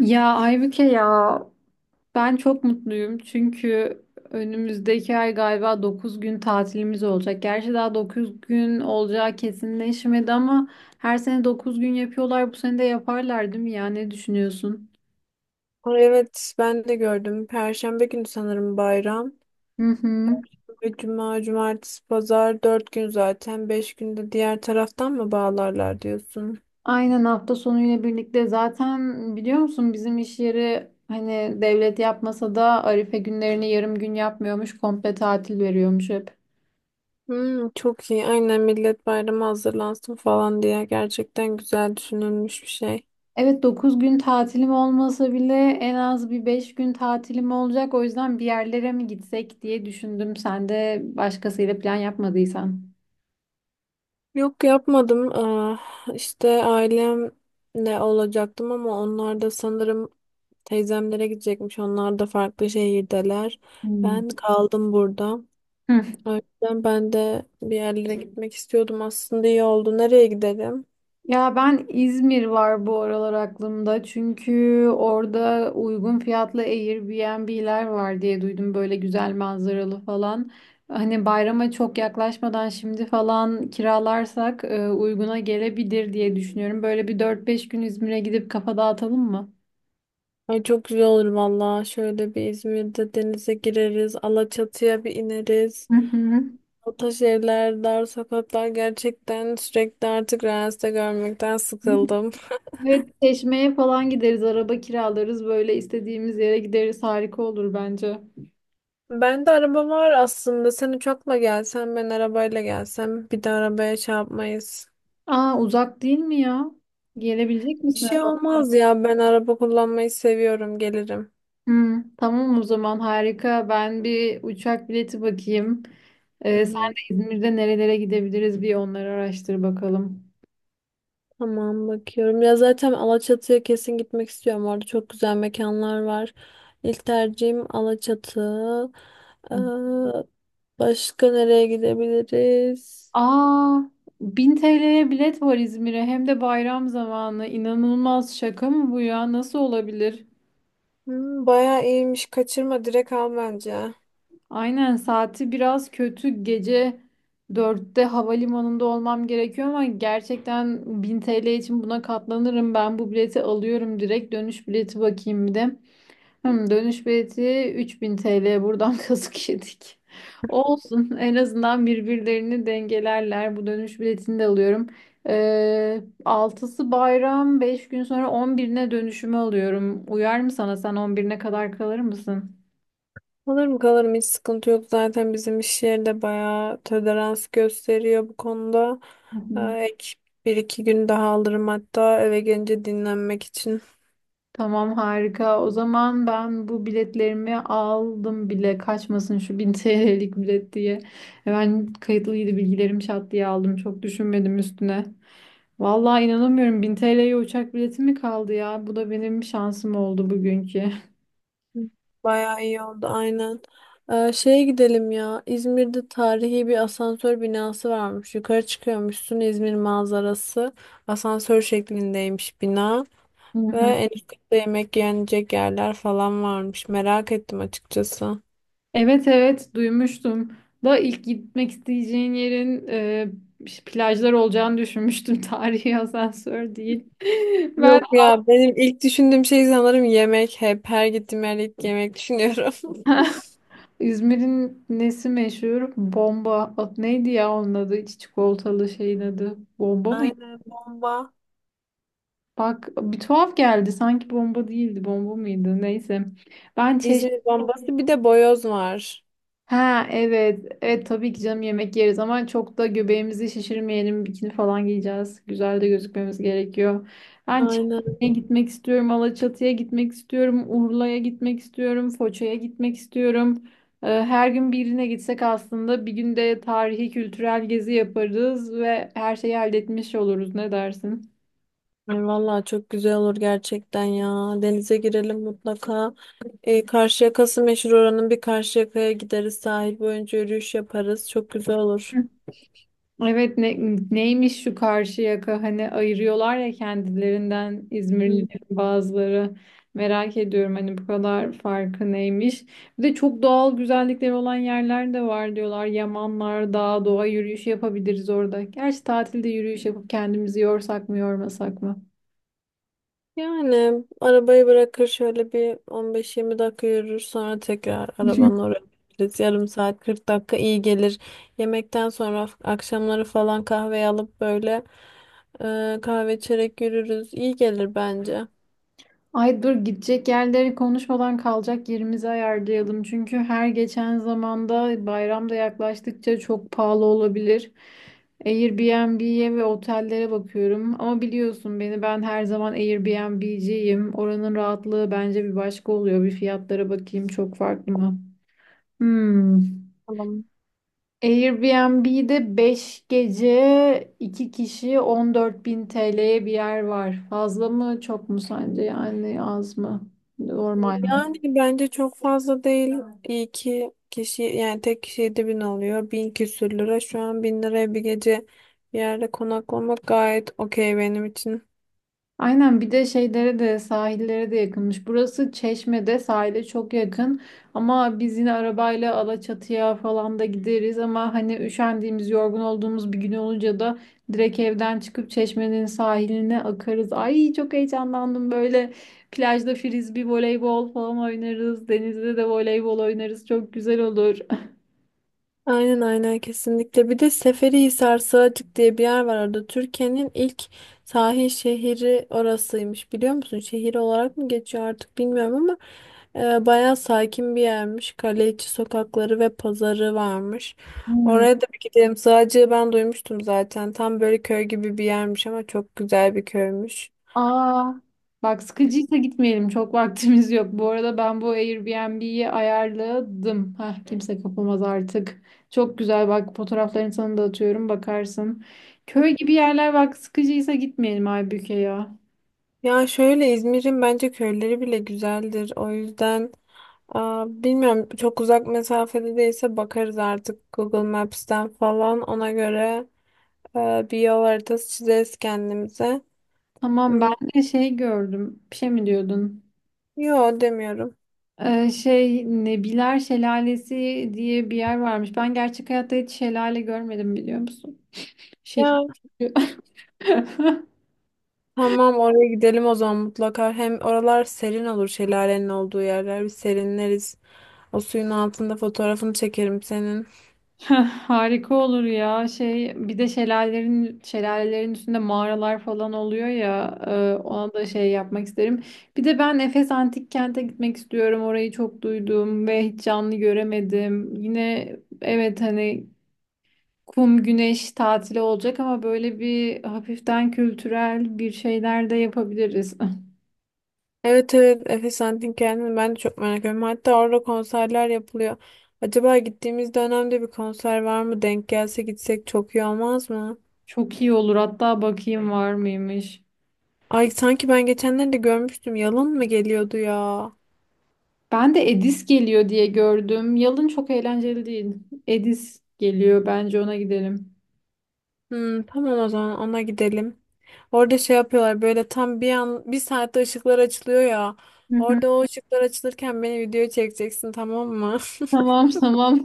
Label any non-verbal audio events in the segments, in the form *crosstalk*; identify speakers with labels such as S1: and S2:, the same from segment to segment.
S1: Ya Aybüke ya ben çok mutluyum çünkü önümüzdeki ay galiba 9 gün tatilimiz olacak. Gerçi daha 9 gün olacağı kesinleşmedi ama her sene 9 gün yapıyorlar. Bu sene de yaparlar değil mi ya? Ne düşünüyorsun?
S2: Ay, evet ben de gördüm. Perşembe günü sanırım bayram.
S1: Hı hı.
S2: Ve cuma, cumartesi, pazar dört gün zaten. Beş günde diğer taraftan mı bağlarlar diyorsun?
S1: Aynen hafta sonuyla birlikte zaten biliyor musun bizim iş yeri hani devlet yapmasa da Arife günlerini yarım gün yapmıyormuş komple tatil veriyormuş hep.
S2: Hmm, çok iyi. Aynen millet bayrama hazırlansın falan diye gerçekten güzel düşünülmüş bir şey.
S1: Evet 9 gün tatilim olmasa bile en az bir 5 gün tatilim olacak. O yüzden bir yerlere mi gitsek diye düşündüm. Sen de başkasıyla plan yapmadıysan.
S2: Yok yapmadım. Aa, işte ailemle olacaktım ama onlar da sanırım teyzemlere gidecekmiş. Onlar da farklı şehirdeler.
S1: Hmm.
S2: Ben kaldım burada.
S1: Hı.
S2: O yüzden ben de bir yerlere gitmek istiyordum. Aslında iyi oldu. Nereye gidelim?
S1: Ya ben İzmir var bu aralar aklımda. Çünkü orada uygun fiyatlı Airbnb'ler var diye duydum. Böyle güzel manzaralı falan. Hani bayrama çok yaklaşmadan şimdi falan kiralarsak uyguna gelebilir diye düşünüyorum. Böyle bir dört beş gün İzmir'e gidip kafa dağıtalım mı?
S2: Ay, çok güzel olur valla. Şöyle bir İzmir'de denize gireriz. Alaçatı'ya bir ineriz.
S1: Hı hı.
S2: O taş evler, dar sokaklar gerçekten sürekli artık Reels'te görmekten sıkıldım. *laughs*
S1: Ve Çeşme'ye falan gideriz, araba kiralarız, böyle istediğimiz yere gideriz. Harika olur bence.
S2: Ben de araba var aslında. Sen uçakla gelsen, ben arabayla gelsem. Bir de arabaya çarpmayız.
S1: Aa, uzak değil mi ya? Gelebilecek
S2: Bir
S1: misin?
S2: şey
S1: Araba?
S2: olmaz ya. Ben araba kullanmayı seviyorum. Gelirim.
S1: Hı, tamam o zaman harika. Ben bir uçak bileti bakayım.
S2: Hı
S1: Sen
S2: hı.
S1: de İzmir'de nerelere gidebiliriz bir onları araştır bakalım.
S2: Tamam, bakıyorum. Ya zaten Alaçatı'ya kesin gitmek istiyorum. Orada çok güzel mekanlar var. İlk tercihim Alaçatı.
S1: Hı.
S2: Ee, Başka nereye gidebiliriz?
S1: Aa, 1000 TL'ye bilet var İzmir'e hem de bayram zamanı. İnanılmaz, şaka mı bu ya? Nasıl olabilir?
S2: Hmm, bayağı iyiymiş. Kaçırma, direkt al bence.
S1: Aynen, saati biraz kötü, gece dörtte havalimanında olmam gerekiyor ama gerçekten 1000 TL için buna katlanırım. Ben bu bileti alıyorum direkt, dönüş bileti bakayım bir de. Hmm, dönüş bileti 3000 TL buradan *laughs* kazık yedik. Olsun, en azından birbirlerini dengelerler. Bu dönüş biletini de alıyorum. 6'sı bayram, 5 gün sonra 11'ine dönüşümü alıyorum. Uyar mı sana? Sen 11'ine kadar kalır mısın?
S2: Kalırım kalırım, hiç sıkıntı yok. Zaten bizim iş yeri de bayağı tolerans gösteriyor bu konuda.
S1: Hı hı.
S2: Ek bir iki gün daha alırım hatta, eve gelince dinlenmek için.
S1: Tamam harika. O zaman ben bu biletlerimi aldım bile. Kaçmasın şu *laughs* 1000 TL'lik bilet diye. Hemen kayıtlıydı bilgilerim, şat diye aldım. Çok düşünmedim üstüne. Vallahi inanamıyorum. 1000 TL'ye uçak bileti mi kaldı ya? Bu da benim şansım oldu bugünkü.
S2: Bayağı iyi oldu, aynen. Şeye gidelim ya. İzmir'de tarihi bir asansör binası varmış. Yukarı çıkıyormuşsun, İzmir manzarası. Asansör şeklindeymiş bina.
S1: Hı
S2: Ve
S1: hı.
S2: en üst katta yemek yenecek yerler falan varmış. Merak ettim açıkçası.
S1: Evet evet, duymuştum. Da ilk gitmek isteyeceğin yerin plajlar olacağını düşünmüştüm. *laughs* Tarihi asansör değil. *laughs* Ben
S2: Yok ya, benim ilk düşündüğüm şey sanırım yemek. Hep her gittiğim yerde ilk yemek düşünüyorum.
S1: İzmir'in nesi meşhur? Bomba. O- Neydi ya onun adı? İç çikolatalı şeyin adı.
S2: *laughs*
S1: Bomba mı?
S2: Aynen, bomba.
S1: Bak, bir tuhaf geldi. Sanki bomba değildi. Bomba mıydı? Neyse. Ben
S2: İzmir bombası bir de boyoz var.
S1: Ha evet. Evet tabii ki canım, yemek yeriz ama çok da göbeğimizi şişirmeyelim. Bikini falan giyeceğiz. Güzel de gözükmemiz gerekiyor. Ben
S2: Aynen.
S1: Çeşme'ye gitmek istiyorum. Alaçatı'ya gitmek istiyorum. Urla'ya gitmek istiyorum. Foça'ya gitmek istiyorum. Her gün birine gitsek aslında, bir günde tarihi kültürel gezi yaparız ve her şeyi halletmiş oluruz. Ne dersin?
S2: Ay vallahi çok güzel olur gerçekten ya. Denize girelim mutlaka. E, Karşıyaka'sı meşhur oranın, bir Karşıyaka'ya gideriz. Sahil boyunca yürüyüş yaparız. Çok güzel olur.
S1: Evet neymiş şu Karşıyaka, hani ayırıyorlar ya kendilerinden İzmirlilerin
S2: Hı.
S1: bazıları, merak ediyorum hani bu kadar farkı neymiş. Bir de çok doğal güzellikleri olan yerler de var diyorlar. Yamanlar, dağ, doğa yürüyüşü yapabiliriz orada. Gerçi tatilde yürüyüş yapıp kendimizi yorsak mı yormasak mı?
S2: Yani arabayı bırakır şöyle bir 15-20 dakika yürür, sonra tekrar
S1: *laughs*
S2: arabanın oraya gideriz. Yarım saat, 40 dakika iyi gelir. Yemekten sonra akşamları falan kahve alıp böyle kahve içerek yürürüz. İyi gelir bence.
S1: Ay dur, gidecek yerleri konuşmadan kalacak yerimizi ayarlayalım. Çünkü her geçen zamanda, bayramda yaklaştıkça çok pahalı olabilir. Airbnb'ye ve otellere bakıyorum. Ama biliyorsun beni, ben her zaman Airbnb'ciyim. Oranın rahatlığı bence bir başka oluyor. Bir fiyatlara bakayım, çok farklı mı? Hmm.
S2: Tamam.
S1: Airbnb'de 5 gece 2 kişi 14 bin TL'ye bir yer var. Fazla mı, çok mu sence, yani az mı? Normal.
S2: Yani bence çok fazla değil. İyi ki kişi, yani tek kişi 7000 bin alıyor. Bin küsür lira. Şu an bin liraya bir gece bir yerde konaklamak gayet okey benim için.
S1: Aynen, bir de şeylere de, sahillere de yakınmış. Burası Çeşme'de sahile çok yakın ama biz yine arabayla Alaçatı'ya falan da gideriz ama hani üşendiğimiz, yorgun olduğumuz bir gün olunca da direkt evden çıkıp Çeşme'nin sahiline akarız. Ay çok heyecanlandım, böyle plajda frisbee, voleybol falan oynarız. Denizde de voleybol oynarız. Çok güzel olur.
S2: Aynen aynen, kesinlikle. Bir de Seferihisar Sığacık diye bir yer var orada. Türkiye'nin ilk sahil şehri orasıymış. Biliyor musun? Şehir olarak mı geçiyor artık bilmiyorum ama bayağı sakin bir yermiş. Kale içi sokakları ve pazarı varmış.
S1: *laughs*
S2: Oraya da bir gidelim. Sığacığı ben duymuştum zaten. Tam böyle köy gibi bir yermiş ama çok güzel bir köymüş.
S1: Aa, bak sıkıcıysa gitmeyelim. Çok vaktimiz yok. Bu arada ben bu Airbnb'yi ayarladım. Hah, kimse kapamaz artık. Çok güzel, bak fotoğraflarını sana da atıyorum, bakarsın. Köy gibi yerler, bak sıkıcıysa gitmeyelim Aybüke ya.
S2: Ya şöyle, İzmir'in bence köyleri bile güzeldir. O yüzden aa, bilmiyorum, çok uzak mesafede değilse bakarız artık Google Maps'ten falan, ona göre bir yol haritası çizeriz kendimize.
S1: Tamam, ben
S2: Hmm,
S1: de şey gördüm. Bir şey mi diyordun?
S2: yo, demiyorum.
S1: Şey, Nebiler Şelalesi diye bir yer varmış. Ben gerçek hayatta hiç şelale görmedim, biliyor musun? Şehir.
S2: Ya,
S1: *laughs*
S2: tamam, oraya gidelim o zaman mutlaka. Hem oralar serin olur şelalenin olduğu yerler. Bir serinleriz. O suyun altında fotoğrafını çekerim senin.
S1: Heh, harika olur ya. Şey, bir de şelalelerin üstünde mağaralar falan oluyor ya. Ona da şey yapmak isterim. Bir de ben Efes Antik Kent'e gitmek istiyorum. Orayı çok duydum ve hiç canlı göremedim. Yine evet, hani kum güneş tatili olacak ama böyle bir hafiften kültürel bir şeyler de yapabiliriz.
S2: Evet evet, Efes Antik Kenti'ni ben de çok merak ediyorum. Hatta orada konserler yapılıyor. Acaba gittiğimiz dönemde bir konser var mı? Denk gelse gitsek çok iyi olmaz mı?
S1: *laughs* Çok iyi olur. Hatta bakayım var mıymış.
S2: Ay sanki ben geçenlerde görmüştüm. Yalın mı geliyordu ya?
S1: Ben de Edis geliyor diye gördüm. Yalın çok eğlenceli değil. Edis geliyor. Bence ona gidelim.
S2: Hmm, tamam, o zaman ona gidelim. Orada şey yapıyorlar, böyle tam bir an bir saatte ışıklar açılıyor ya.
S1: Hı hı.
S2: Orada o ışıklar açılırken beni video çekeceksin, tamam mı?
S1: Tamam tamam.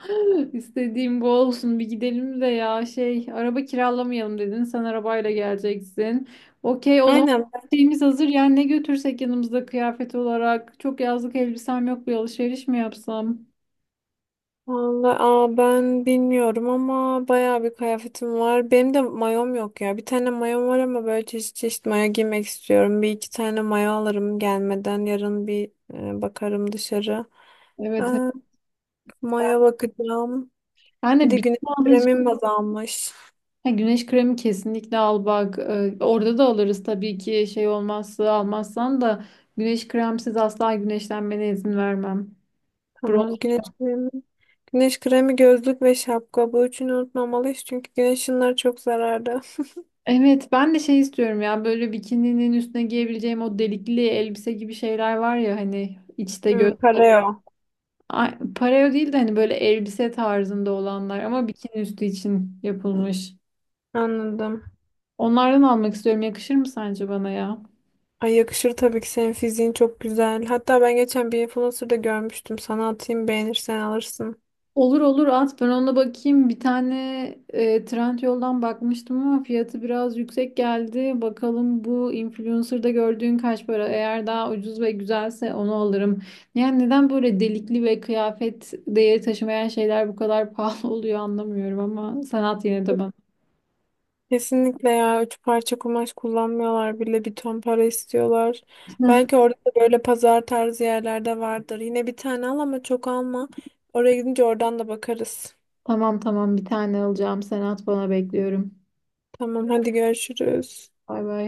S1: *laughs* İstediğim bu olsun. Bir gidelim de ya, şey, araba kiralamayalım dedin. Sen arabayla geleceksin. Okey,
S2: *laughs*
S1: o zaman
S2: Aynen.
S1: şeyimiz hazır. Yani ne götürsek yanımızda kıyafet olarak. Çok yazlık elbisem yok. Bir alışveriş mi yapsam?
S2: Vallahi, aa, ben bilmiyorum ama bayağı bir kıyafetim var. Benim de mayom yok ya. Bir tane mayom var ama böyle çeşit çeşit mayo giymek istiyorum. Bir iki tane mayo alırım gelmeden. Yarın bir bakarım dışarı. Ee,
S1: Evet. Evet.
S2: Mayo bakacağım.
S1: Ben
S2: Bir
S1: de
S2: de güneş
S1: bikini alacağım.
S2: kremim azalmış.
S1: Ya güneş kremi kesinlikle al bak. Orada da alırız tabii ki, şey olmazsa, almazsan da güneş kremsiz asla güneşlenmene izin vermem. Bronz.
S2: Tamam, güneş kremi. Güneş kremi, gözlük ve şapka. Bu üçünü unutmamalıyız çünkü güneş ışınları çok zararlı. *laughs*
S1: Evet, ben de şey istiyorum ya, böyle bikininin üstüne giyebileceğim o delikli elbise gibi şeyler var ya, hani içte gö.
S2: Hmm, pareo.
S1: Ay, pareo değil de hani böyle elbise tarzında olanlar ama bikini üstü için yapılmış.
S2: Anladım.
S1: Onlardan almak istiyorum. Yakışır mı sence bana ya?
S2: Ay yakışır tabii ki, senin fiziğin çok güzel. Hatta ben geçen bir influencer'da görmüştüm. Sana atayım, beğenirsen alırsın.
S1: Olur olur, at, ben ona bakayım. Bir tane Trendyol'dan bakmıştım ama fiyatı biraz yüksek geldi. Bakalım bu influencer'da gördüğün kaç para? Eğer daha ucuz ve güzelse onu alırım. Yani neden böyle delikli ve kıyafet değeri taşımayan şeyler bu kadar *laughs* pahalı oluyor anlamıyorum ama sen at yine de bana.
S2: Kesinlikle ya. Üç parça kumaş kullanmıyorlar bile. Bir ton para istiyorlar. Belki
S1: *laughs*
S2: orada da böyle pazar tarzı yerlerde vardır. Yine bir tane al ama çok alma. Oraya gidince oradan da bakarız.
S1: Tamam tamam, bir tane alacağım. Sen at, bana bekliyorum.
S2: Tamam, hadi görüşürüz.
S1: Bay bay.